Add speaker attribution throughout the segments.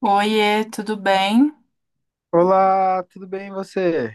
Speaker 1: Oiê, tudo bem?
Speaker 2: Olá, tudo bem e você?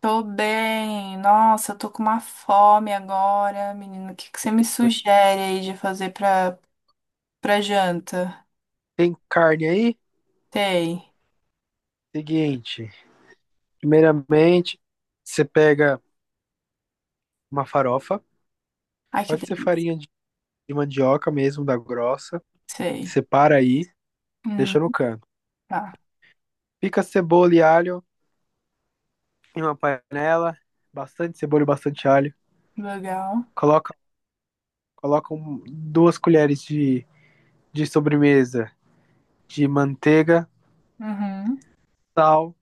Speaker 1: Tô bem. Nossa, eu tô com uma fome agora, menino. O que que você me sugere aí de fazer pra janta?
Speaker 2: Tem carne aí?
Speaker 1: Sei.
Speaker 2: Seguinte, primeiramente, você pega uma farofa,
Speaker 1: Ai, que
Speaker 2: pode ser
Speaker 1: delícia.
Speaker 2: farinha de mandioca mesmo, da grossa,
Speaker 1: Sei.
Speaker 2: separa aí,
Speaker 1: Hum,
Speaker 2: deixa no canto.
Speaker 1: tá.
Speaker 2: Pica cebola e alho em uma panela, bastante cebola e bastante alho.
Speaker 1: Legal.
Speaker 2: Coloca, coloca duas colheres de sobremesa de manteiga,
Speaker 1: Uhum.
Speaker 2: sal,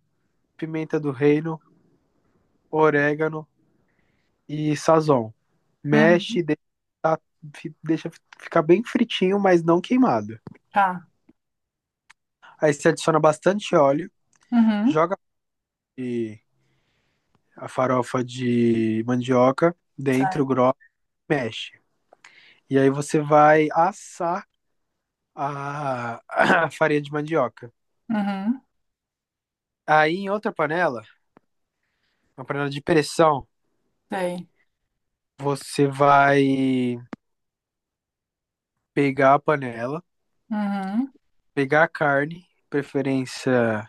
Speaker 2: pimenta do reino, orégano e sazon.
Speaker 1: Uhum.
Speaker 2: Mexe, deixa, tá- deixa ficar bem fritinho, mas não queimado.
Speaker 1: Tá.
Speaker 2: Aí você adiciona bastante óleo,
Speaker 1: Uhum.
Speaker 2: joga e- a farofa de mandioca dentro,
Speaker 1: Sei.
Speaker 2: grossa, e mexe. E aí você vai assar a, a farinha de mandioca.
Speaker 1: Uhum.
Speaker 2: Aí em outra panela, uma panela de pressão,
Speaker 1: Sei.
Speaker 2: você vai pegar a panela,
Speaker 1: Uhum.
Speaker 2: pegar a carne, preferência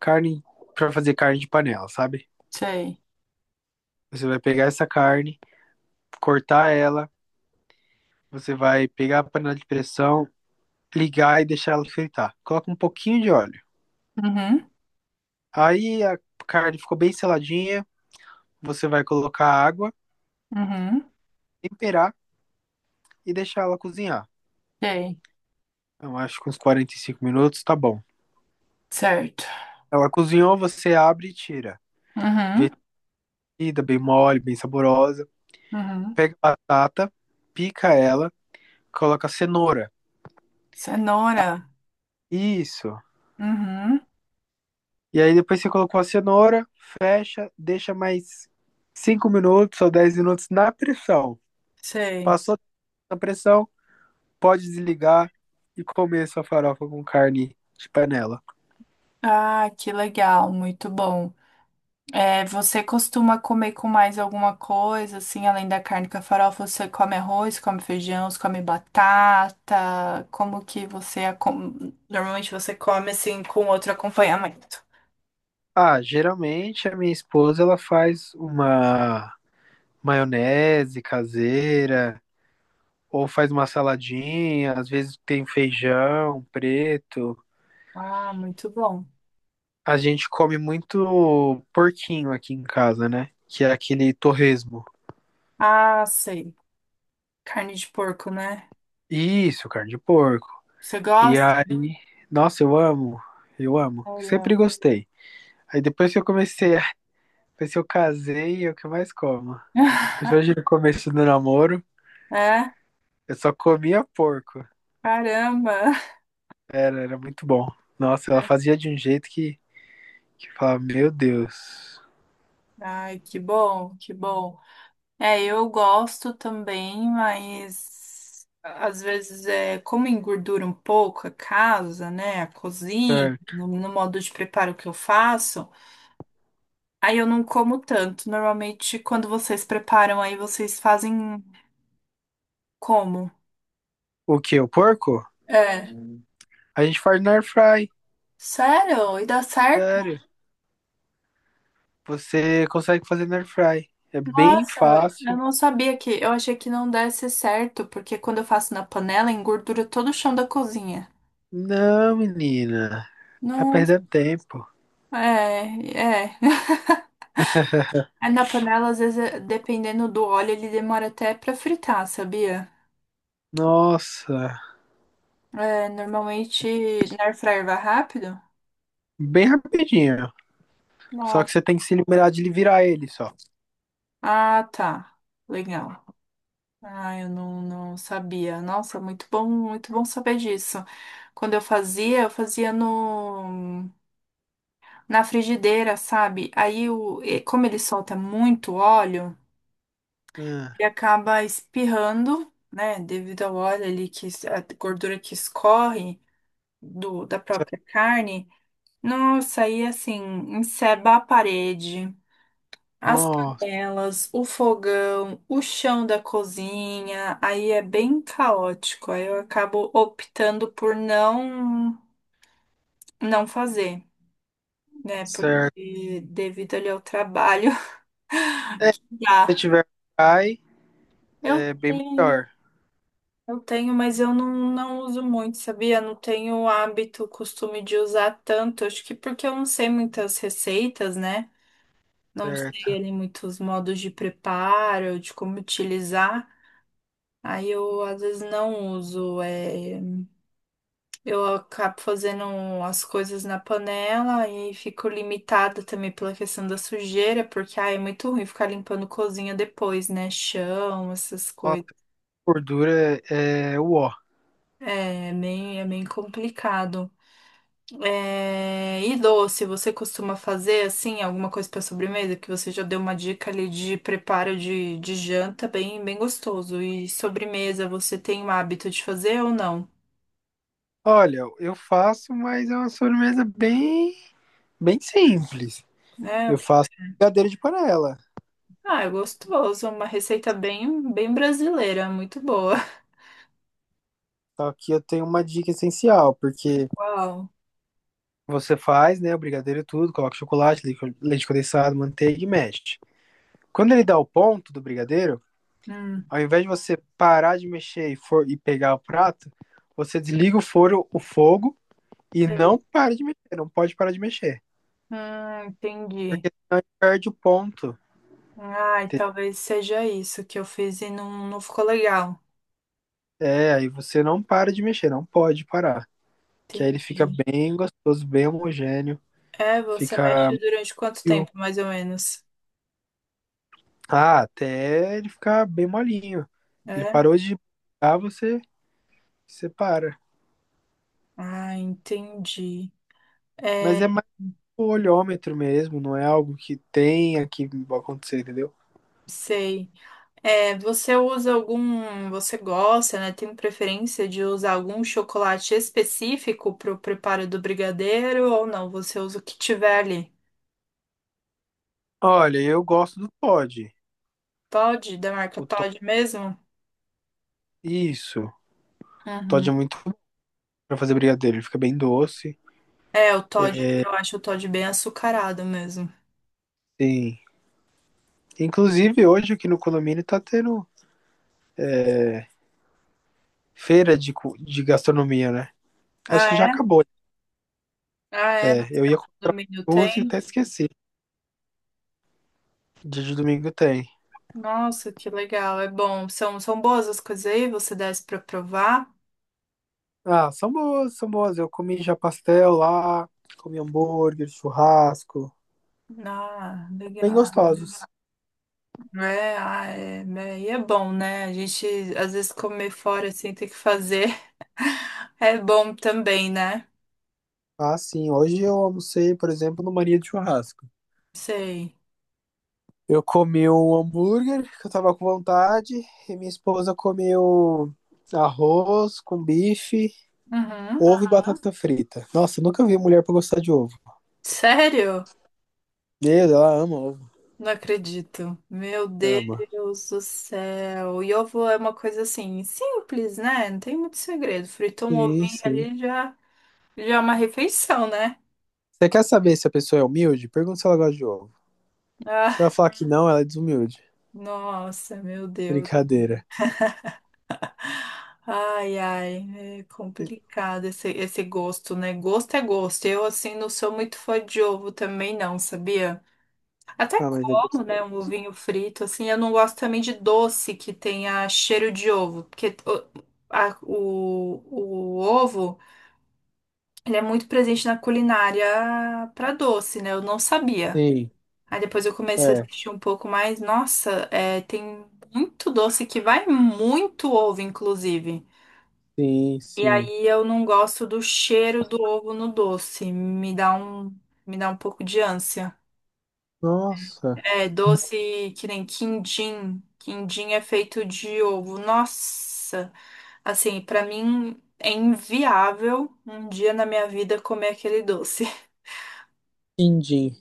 Speaker 2: carne para fazer carne de panela, sabe?
Speaker 1: Sei.
Speaker 2: Você vai pegar essa carne cortar ela, você vai pegar a panela de pressão, ligar e deixar ela fritar. Coloca um pouquinho de óleo.
Speaker 1: Uhum.
Speaker 2: Aí a carne ficou bem seladinha, você vai colocar água,
Speaker 1: Uhum.
Speaker 2: temperar e deixar ela cozinhar.
Speaker 1: Sei.
Speaker 2: Eu acho que uns 45 minutos tá bom.
Speaker 1: Certo.
Speaker 2: Ela cozinhou, você abre e tira.
Speaker 1: Uhum.
Speaker 2: Vestida, bem mole, bem saborosa.
Speaker 1: Uhum.
Speaker 2: Pega a batata, pica ela, coloca a cenoura.
Speaker 1: Cenoura.
Speaker 2: Isso.
Speaker 1: Uhum.
Speaker 2: E aí depois você colocou a cenoura, fecha, deixa mais 5 minutos ou 10 minutos na pressão.
Speaker 1: Sei.
Speaker 2: Passou na pressão, pode desligar e comer sua farofa com carne de panela.
Speaker 1: Ah, que legal, muito bom. É, você costuma comer com mais alguma coisa, assim, além da carne com a farofa? Você come arroz, come feijão, você come batata? Como que você... Normalmente você come, assim, com outro acompanhamento.
Speaker 2: Ah, geralmente a minha esposa ela faz uma maionese caseira ou faz uma saladinha, às vezes tem feijão preto.
Speaker 1: Ah, muito bom.
Speaker 2: A gente come muito porquinho aqui em casa, né? Que é aquele torresmo.
Speaker 1: Ah, sei. Carne de porco, né?
Speaker 2: Isso, carne de porco.
Speaker 1: Você
Speaker 2: E
Speaker 1: gosta?
Speaker 2: aí, nossa, eu amo, eu amo.
Speaker 1: Olha.
Speaker 2: Sempre gostei. Aí depois que Depois que eu casei, é o que eu mais como. Principalmente no começo do namoro,
Speaker 1: É?
Speaker 2: eu só comia porco.
Speaker 1: Caramba!
Speaker 2: Era muito bom. Nossa, ela fazia de um jeito que eu falava, meu Deus.
Speaker 1: Ai, que bom, que bom. É, eu gosto também, mas às vezes é como engordura um pouco a casa, né? A cozinha,
Speaker 2: Certo.
Speaker 1: no modo de preparo que eu faço, aí eu não como tanto. Normalmente, quando vocês preparam, aí vocês fazem como?
Speaker 2: O que? O porco?
Speaker 1: É.
Speaker 2: A gente faz na air fry.
Speaker 1: Sério? E dá certo?
Speaker 2: Sério. Você consegue fazer na air fry. É bem
Speaker 1: Nossa, eu
Speaker 2: fácil.
Speaker 1: não sabia que. Eu achei que não desse certo, porque quando eu faço na panela, engordura todo o chão da cozinha.
Speaker 2: Não, menina. Tá
Speaker 1: Não,
Speaker 2: perdendo tempo.
Speaker 1: é, é. É, na panela, às vezes, dependendo do óleo, ele demora até pra fritar, sabia?
Speaker 2: Nossa.
Speaker 1: É, normalmente, na air fryer vai rápido?
Speaker 2: Bem rapidinho. Só que
Speaker 1: Nossa.
Speaker 2: você tem que se liberar de virar ele só.
Speaker 1: Ah, tá. Legal. Ah, eu não, não sabia. Nossa, muito bom saber disso. Quando eu fazia no, na frigideira, sabe? Aí, e como ele solta muito óleo,
Speaker 2: Ah,
Speaker 1: ele acaba espirrando, né? Devido ao óleo ali, que, a gordura que escorre da
Speaker 2: cer-
Speaker 1: própria carne. Nossa, aí assim, encerba a parede, as
Speaker 2: nossa,
Speaker 1: panelas, o fogão, o chão da cozinha, aí é bem caótico. Aí eu acabo optando por não fazer, né?
Speaker 2: certo.
Speaker 1: Porque devido ali ao trabalho,
Speaker 2: É, se
Speaker 1: dá.
Speaker 2: você tiver cai,
Speaker 1: Eu
Speaker 2: é bem
Speaker 1: tenho,
Speaker 2: melhor.
Speaker 1: eu tenho, mas eu não, não uso muito, sabia? Não tenho o hábito, o costume de usar tanto. Acho que porque eu não sei muitas receitas, né? Não sei
Speaker 2: Certo.
Speaker 1: ali muitos modos de preparo, de como utilizar. Aí eu às vezes não uso. É, eu acabo fazendo as coisas na panela e fico limitada também pela questão da sujeira, porque ai, é muito ruim ficar limpando cozinha depois, né? Chão, essas
Speaker 2: Nossa,
Speaker 1: coisas.
Speaker 2: gordura é o ó.
Speaker 1: É bem complicado. É, e doce, você costuma fazer assim alguma coisa para sobremesa? Que você já deu uma dica ali de preparo de janta bem gostoso. E sobremesa, você tem o hábito de fazer ou não?
Speaker 2: Olha, eu faço, mas é uma sobremesa bem, bem simples.
Speaker 1: É, o
Speaker 2: Eu
Speaker 1: que-
Speaker 2: faço brigadeiro de panela.
Speaker 1: Ah, é gostoso, é uma receita bem brasileira, muito boa.
Speaker 2: Só que eu tenho uma dica essencial, porque
Speaker 1: Uau.
Speaker 2: você faz, né, o brigadeiro e tudo, coloca chocolate, leite condensado, manteiga e mexe. Quando ele dá o ponto do brigadeiro,
Speaker 1: Hum,
Speaker 2: ao invés de você parar de mexer e pegar o prato, você desliga o fogo e não
Speaker 1: sei.
Speaker 2: para de mexer. Não pode parar de mexer. Porque
Speaker 1: Entendi.
Speaker 2: senão ele perde o ponto.
Speaker 1: Ai, talvez seja isso que eu fiz e não ficou legal.
Speaker 2: É, aí você não para de mexer, não pode parar. Que aí ele fica
Speaker 1: Entendi.
Speaker 2: bem gostoso, bem homogêneo.
Speaker 1: É, você
Speaker 2: Fica
Speaker 1: mexe durante quanto
Speaker 2: meio.
Speaker 1: tempo, mais ou menos?
Speaker 2: Ah, até ele ficar bem molinho. Ele
Speaker 1: É.
Speaker 2: parou de ah, você separa.
Speaker 1: Ah, entendi. É,
Speaker 2: Mas é mais o olhômetro mesmo, não é algo que tenha que acontecer, entendeu?
Speaker 1: sei. É, você usa algum, você gosta, né? Tem preferência de usar algum chocolate específico para o preparo do brigadeiro ou não? Você usa o que tiver ali?
Speaker 2: Olha, eu gosto do pod.
Speaker 1: Toddy, da marca
Speaker 2: O to...
Speaker 1: Toddy mesmo?
Speaker 2: Isso. Todd
Speaker 1: Uhum.
Speaker 2: é muito bom pra fazer brigadeiro. Ele fica bem doce.
Speaker 1: É, o Toddy, eu acho o Toddy bem açucarado mesmo.
Speaker 2: Sim. Inclusive, hoje aqui no condomínio tá tendo feira de, de gastronomia, né?
Speaker 1: Ah,
Speaker 2: Acho que já
Speaker 1: é?
Speaker 2: acabou.
Speaker 1: Ah, é? No
Speaker 2: É, eu ia comprar
Speaker 1: condomínio
Speaker 2: duas e
Speaker 1: tem?
Speaker 2: até esqueci. Dia de domingo tem.
Speaker 1: Nossa, que legal, é bom. São, são boas as coisas aí, você desce para provar?
Speaker 2: Ah, são boas, são boas. Eu comi já pastel lá, comi hambúrguer, churrasco.
Speaker 1: Ah,
Speaker 2: Bem
Speaker 1: legal.
Speaker 2: gostosos.
Speaker 1: É, ah, é, né? E é bom, né? A gente às vezes comer fora assim ter que fazer é bom também, né?
Speaker 2: Ah, sim. Hoje eu almocei, por exemplo, no Maria de Churrasco.
Speaker 1: Sei.
Speaker 2: Eu comi um hambúrguer que eu tava com vontade, e minha esposa comeu arroz com bife,
Speaker 1: Uhum.
Speaker 2: ovo e aham, batata frita. Nossa, eu nunca vi mulher pra gostar de ovo.
Speaker 1: Sério?
Speaker 2: Meu, ela ama ovo.
Speaker 1: Não acredito. Meu
Speaker 2: Ama.
Speaker 1: Deus do céu. E ovo é uma coisa assim, simples, né? Não tem muito segredo. Fritou um
Speaker 2: Sim,
Speaker 1: ovinho
Speaker 2: sim.
Speaker 1: ali já, já é uma refeição, né?
Speaker 2: Você quer saber se a pessoa é humilde? Pergunta se ela gosta de ovo.
Speaker 1: Ah,
Speaker 2: Se ela falar que não, ela é desumilde.
Speaker 1: nossa, meu Deus.
Speaker 2: Brincadeira.
Speaker 1: Ai, ai, é complicado esse gosto, né? Gosto é gosto. Eu, assim, não sou muito fã de ovo também, não, sabia? Até
Speaker 2: Ah, mas é
Speaker 1: como, né?
Speaker 2: gostoso.
Speaker 1: Um ovinho frito, assim. Eu não gosto também de doce que tenha cheiro de ovo, porque o ovo, ele é muito presente na culinária para doce, né? Eu não sabia.
Speaker 2: Sim,
Speaker 1: Aí depois eu comecei a
Speaker 2: é.
Speaker 1: assistir um pouco mais. Nossa, é, tem muito doce que vai muito ovo, inclusive.
Speaker 2: Sim,
Speaker 1: E
Speaker 2: sim.
Speaker 1: aí eu não gosto do cheiro do ovo no doce. Me dá um pouco de ânsia.
Speaker 2: Nossa.
Speaker 1: É, doce que nem quindim. Quindim é feito de ovo. Nossa, assim, pra mim é inviável um dia na minha vida comer aquele doce.
Speaker 2: Quindim.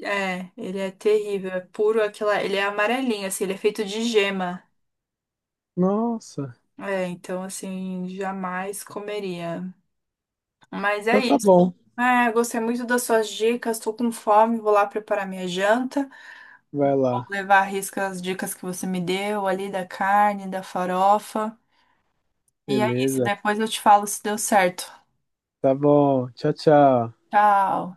Speaker 1: É, ele é terrível, é puro aquela, ele é amarelinho, assim, ele é feito de gema.
Speaker 2: Nossa.
Speaker 1: É, então assim, jamais comeria. Mas é
Speaker 2: Então tá
Speaker 1: isso.
Speaker 2: bom.
Speaker 1: Ah, eu gostei muito das suas dicas. Estou com fome, vou lá preparar minha janta.
Speaker 2: Vai
Speaker 1: Vou
Speaker 2: lá.
Speaker 1: levar a risca as dicas que você me deu ali da carne, da farofa. E é isso.
Speaker 2: Beleza.
Speaker 1: Depois eu te falo se deu certo.
Speaker 2: Tá bom. Tchau, tchau.
Speaker 1: Tchau.